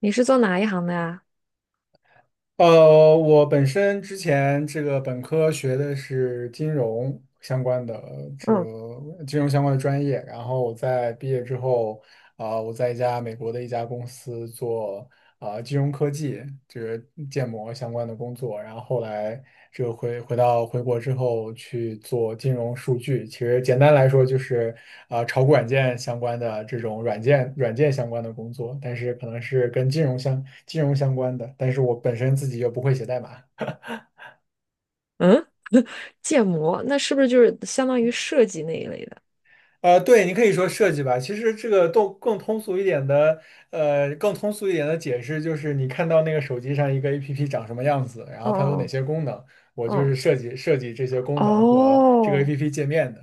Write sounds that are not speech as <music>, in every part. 你是做哪一行的呀？我本身之前这个本科学的是金融相关的，这嗯，个金融相关的专业。然后我在毕业之后，我在一家美国的一家公司做金融科技，就是建模相关的工作，然后后来就回国之后去做金融数据，其实简单来说就是炒股软件相关的这种软件相关的工作，但是可能是跟金融相关的，但是我本身自己又不会写代码。嗯，建模，那是不是就是相当于设计那一类的？对，你可以说设计吧。其实这个都更通俗一点的解释就是，你看到那个手机上一个 APP 长什么样子，然后它有哪哦些功能，我就是哦设计这些功哦，能和这个 哦，APP 界面的。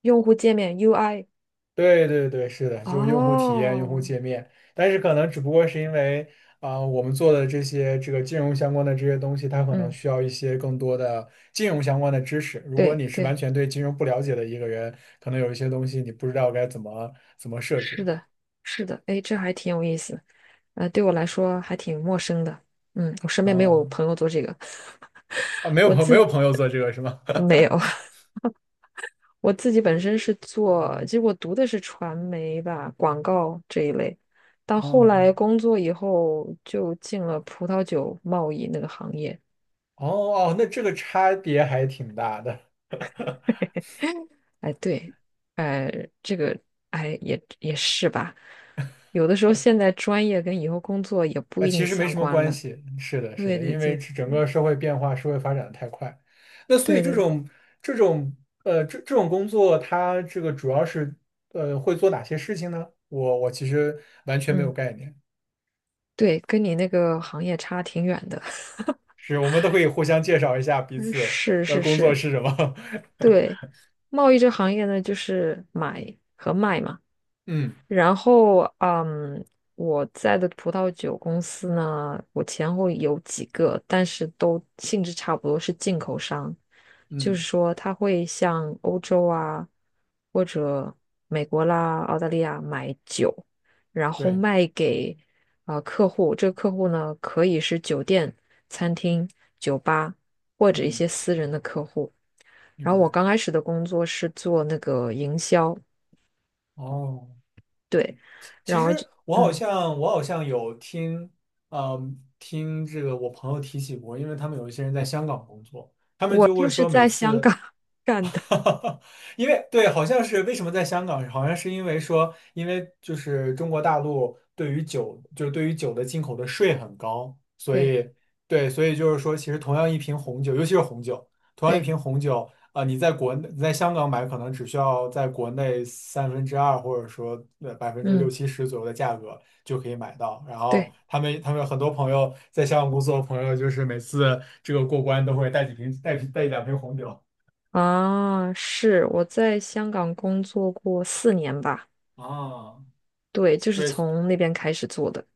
用户界面 UI。对对对，是的，就是用户体验、用户哦，界面，但是可能只不过是因为我们做的这些这个金融相关的这些东西，它可能嗯，需要一些更多的金融相关的知识。如果对你是完对，全对金融不了解的一个人，可能有一些东西你不知道该怎么设置。是的，是的，哎，这还挺有意思。对我来说还挺陌生的。嗯，我身边没有啊朋友做这个。啊，没 <laughs> 有我朋没自有朋友做这个是吗？没有。<laughs> <laughs> 我自己本身是做，其实我读的是传媒吧，广告这一类，到后来嗯，工作以后就进了葡萄酒贸易那个行业。哦哦，那这个差别还挺大的。<laughs> 哎，对，哎，这个，哎，也是吧。有的时候现在专业跟以后工作也不一其定实没相什么关关呢。系，是的，是对的，对因为对这整对个社会变化、社会发展的太快，那所以对对，这种这种工作，它这个主要是会做哪些事情呢？我其实完全没有嗯，概念，对，跟你那个行业差挺远的。是我们都可以互相介绍一下彼 <laughs> 此是的是工作是，是什么。<laughs> 对，贸易这行业呢，就是买和卖嘛。嗯然后，嗯，我在的葡萄酒公司呢，我前后有几个，但是都性质差不多，是进口商，就是嗯，说他会向欧洲啊，或者美国啦、澳大利亚买酒，然后对，卖给客户。这个客户呢，可以是酒店、餐厅、酒吧或者一嗯，些私人的客户。然明后我白。刚开始的工作是做那个营销，哦。对，其然后实就。我好嗯。像我好像有听，嗯，听这个我朋友提起过，因为他们有一些人在香港工作，他们我就会就是说每在香次 港 <laughs> <laughs> 干的。哈哈，因为对，好像是为什么在香港，好像是因为说，因为就是中国大陆对于酒，就是对于酒的进口的税很高，所对以对，所以就是说，其实同样一瓶红酒，尤其是红酒，同样一对，瓶红酒，你在国内你在香港买，可能只需要在国内三分之二或者说百分之六嗯，七十左右的价格就可以买到。然后对他们很多朋友在香港工作的朋友，就是每次这个过关都会带几瓶带一两瓶红酒啊，是我在香港工作过4年吧，啊。对，就是对，从那边开始做的。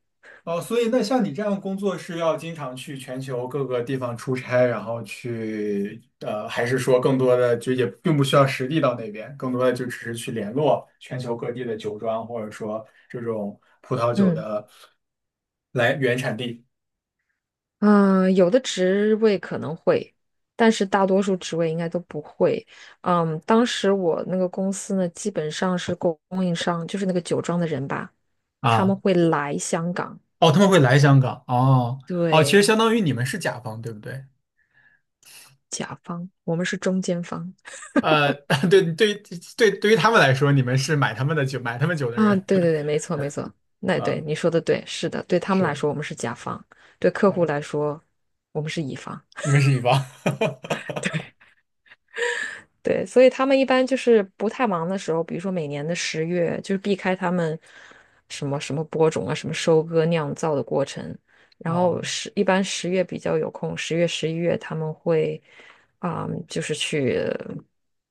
哦，所以那像你这样工作是要经常去全球各个地方出差，然后去，还是说更多的就也并不需要实地到那边，更多的就只是去联络全球各地的酒庄，或者说这种葡萄酒嗯，的来原产地。嗯，有的职位可能会，但是大多数职位应该都不会。嗯，当时我那个公司呢，基本上是供应商，就是那个酒庄的人吧，他们啊，会来香港。哦，他们会来香港，哦，哦，其实对，相当于你们是甲方，对不对？甲方，我们是中间方。呃，<laughs> 对，对，对，对于他们来说，你们是买他们的酒，买他们酒的啊，人 对对对，没错没错，<laughs> 那对啊。你说的对，是的，对他们来是说我们是甲方，对客户啊，来说我们是乙方。你们是乙方，<laughs> 对，所以他们一般就是不太忙的时候，比如说每年的十月，就是避开他们什么什么播种啊、什么收割、酿造的过程。然后哦，一般十月比较有空，10月、11月他们会就是去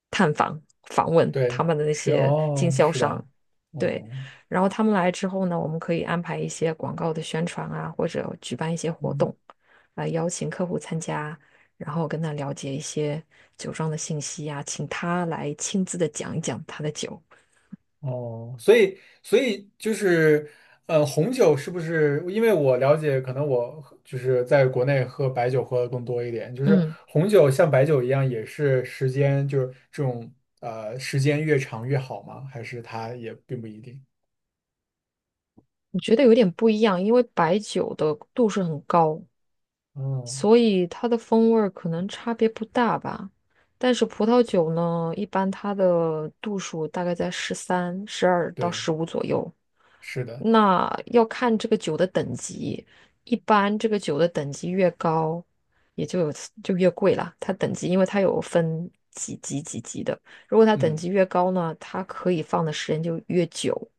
探访、访问对，他们的那是些经哦，销是商。吧？对，哦，然后他们来之后呢，我们可以安排一些广告的宣传啊，或者举办一些活嗯，动，来邀请客户参加。然后跟他了解一些酒庄的信息啊，请他来亲自的讲一讲他的酒。哦，所以，所以就是，红酒是不是？因为我了解，可能我喝就是在国内喝白酒喝的更多一点，就是嗯，红酒像白酒一样，也是时间就是这种时间越长越好吗？还是它也并不一定？我觉得有点不一样，因为白酒的度数很高，哦，所以它的风味儿可能差别不大吧。但是葡萄酒呢，一般它的度数大概在十三、十二到对，十五左右，是的，那要看这个酒的等级。一般这个酒的等级越高，也就有就越贵啦。它等级，因为它有分几级几级的，如果它等嗯，级越高呢，它可以放的时间就越久。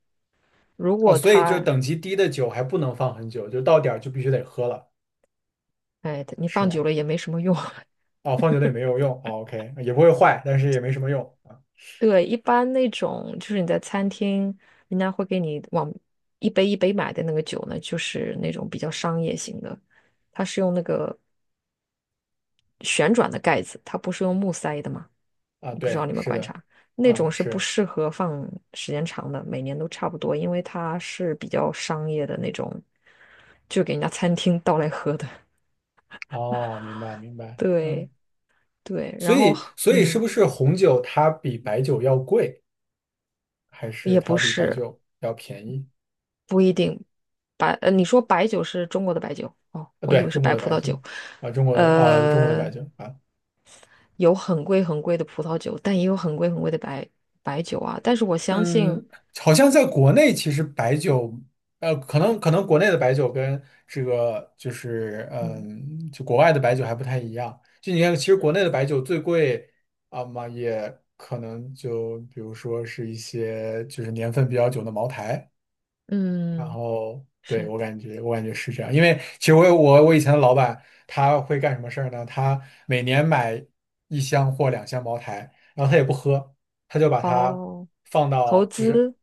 如哦，果所以就它，等级低的酒还不能放很久，就到点儿就必须得喝了，哎，你是放久吗？了也没什么用。<laughs> 哦，放久了也没有用。哦，OK,也不会坏，但是也没什么用啊对，一般那种就是你在餐厅，人家会给你往一杯一杯买的那个酒呢，就是那种比较商业型的，它是用那个旋转的盖子，它不是用木塞的吗？啊，我不知道对，你们是观的，察，那啊种是不是，适合放时间长的，每年都差不多，因为它是比较商业的那种，就给人家餐厅倒来喝的。<laughs> 哦，明白明白，嗯，对对，所然后以所以是嗯，不是红酒它比白酒要贵，还是也它不要比白是酒要便宜？不一定你说白酒是中国的白酒哦，啊，我以对，为是中国白的葡白萄酒酒。啊，中国的啊，中国的呃，白酒啊。有很贵很贵的葡萄酒，但也有很贵很贵的白酒啊。但是我相信，嗯，好像在国内，其实白酒，可能国内的白酒跟这个就是，嗯嗯，就国外的白酒还不太一样。就你看，其实国嗯。内的白酒最贵啊嘛，也可能就比如说是一些就是年份比较久的茅台。然嗯，后，对，是我感觉是这样，因为其实我有我我以前的老板他会干什么事儿呢？他每年买一箱或两箱茅台，然后他也不喝。他就把它哦，放投到，就是资，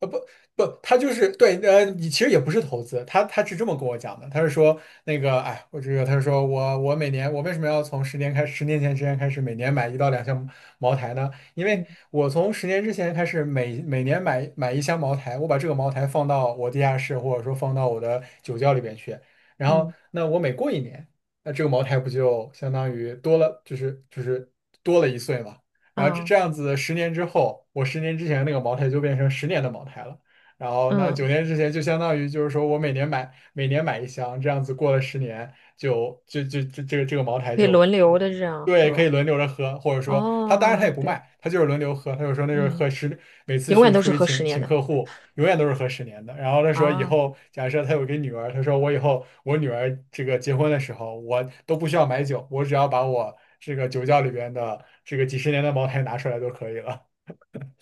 不不，他就是对，你其实也不是投资，他是这么跟我讲的，他是说那个，哎，我这个，他是说我每年我为什么要从十年前之前开始每年买一到两箱茅台呢？因为嗯我从十年之前开始每年买一箱茅台，我把这个茅台放到我地下室或者说放到我的酒窖里边去，然后嗯，那我每过一年，那这个茅台不就相当于多了，就是多了一岁嘛。然后这这啊，样子，十年之后，我十年之前那个茅台就变成十年的茅台了。然后那九嗯，年之前就相当于就是说我每年买一箱，这样子过了十年就这个茅台可以就轮流的这样对可以喝。轮流着喝，或者说他当然他也哦，不对，卖，他就是轮流喝，他就说那就是嗯，每次永远去都出是去喝十请年请的客户，永远都是喝十年的。然后他说以啊，后假设他有个女儿，他说我以后我女儿这个结婚的时候，我都不需要买酒，我只要把我这个酒窖里边的这个几十年的茅台拿出来就可以了。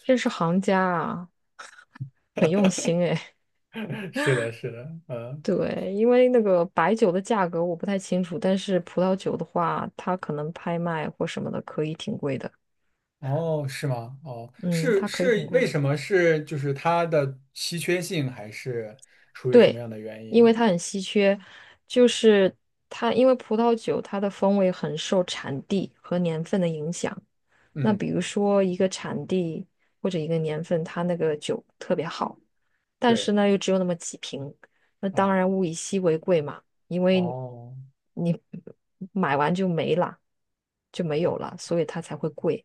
这是行家啊，很用心哎。<laughs> <laughs> 是的，是的，嗯，对，因为那个白酒的价格我不太清楚，但是葡萄酒的话，它可能拍卖或什么的可以挺贵的。哦，是吗？哦，嗯，是它可以很是，为贵。什么是就是它的稀缺性，还是出于什么对，样的原因因？为它很稀缺，就是它因为葡萄酒它的风味很受产地和年份的影响。那比嗯，如说一个产地或者一个年份，它那个酒特别好，但是对呢又只有那么几瓶，那当啊，然物以稀为贵嘛，因为你哦。你买完就没了，就没有了，所以它才会贵。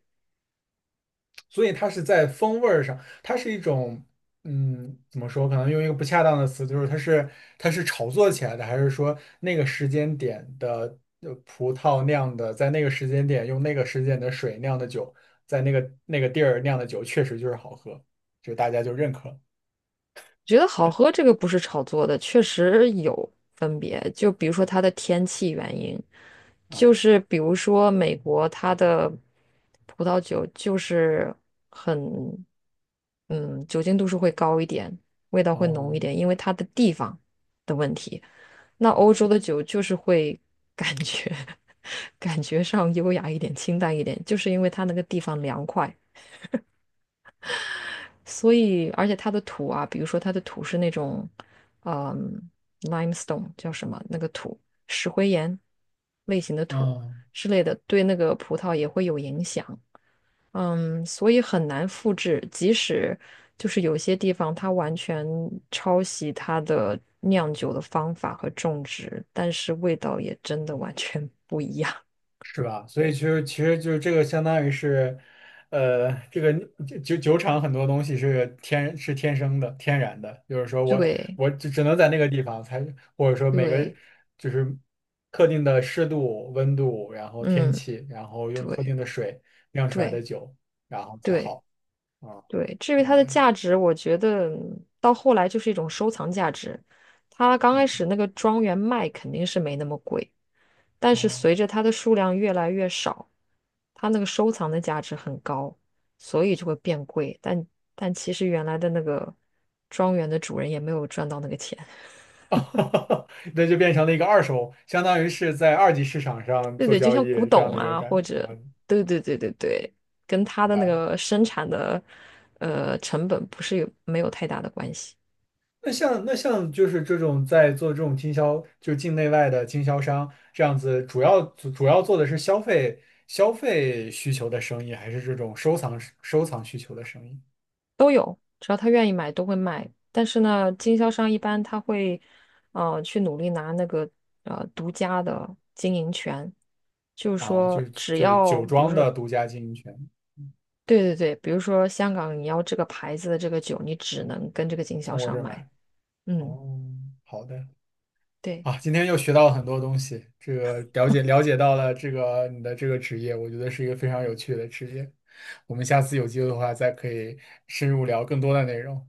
所以它是在风味儿上，它是一种，嗯，怎么说？可能用一个不恰当的词，就是它是炒作起来的，还是说那个时间点的葡萄酿的，在那个时间点用那个时间点的水酿的酒，在那个地儿酿的酒，确实就是好喝，就大家就认可觉得好喝这个不是炒作的，确实有分别。就比如说它的天气原因，就啊。是比如说美国它的葡萄酒就是很，嗯，酒精度数会高一点，味道会浓哦，一点，因为它的地方的问题。那明欧白。洲的酒就是会感觉 <laughs> 感觉上优雅一点、清淡一点，就是因为它那个地方凉快。所以而且它的土啊，比如说它的土是那种，嗯，limestone 叫什么那个土，石灰岩类型的土嗯。之类的，对那个葡萄也会有影响。嗯，所以很难复制，即使就是有些地方它完全抄袭它的酿酒的方法和种植，但是味道也真的完全不一样。<laughs> 是吧？所以其实就是这个相当于是，这个酒厂很多东西是天生的、天然的，就是说我对我只能在那个地方才，或者说每个对，就是特定的湿度、温度，然后天嗯，气，然后用特对定的水酿出来的对酒，然后才对。好啊，对，至于明它白的了？价值，我觉得到后来就是一种收藏价值。它刚开嗯，始那个庄园卖肯定是没那么贵，但是随着哦。它的数量越来越少，它那个收藏的价值很高，所以就会变贵。但其实原来的那个庄园的主人也没有赚到那个钱。<laughs> <laughs> 那就变成了一个二手，相当于是在二级市场上对做对，就交像古易这样董的一个啊，感或觉，者对对对对对，跟它明的那白。个生产的成本不是有没有太大的关系。那像就是这种在做这种经销，就是境内外的经销商这样子，主要做的是消费需求的生意，还是这种收藏需求的生意都有，只要他愿意买都会卖。但是呢，经销商一般他会，去努力拿那个独家的经营权，就是啊？就说，只就是要酒比如庄说，的独家经营权，对对对，比如说香港你要这个牌子的这个酒，你只能跟这个经销从我这商儿买。买。嗯，哦，好的对。啊，今天又学到了很多东西，这个了解到了这个你的这个职业，我觉得是一个非常有趣的职业。我们下次有机会的话，再可以深入聊更多的内容。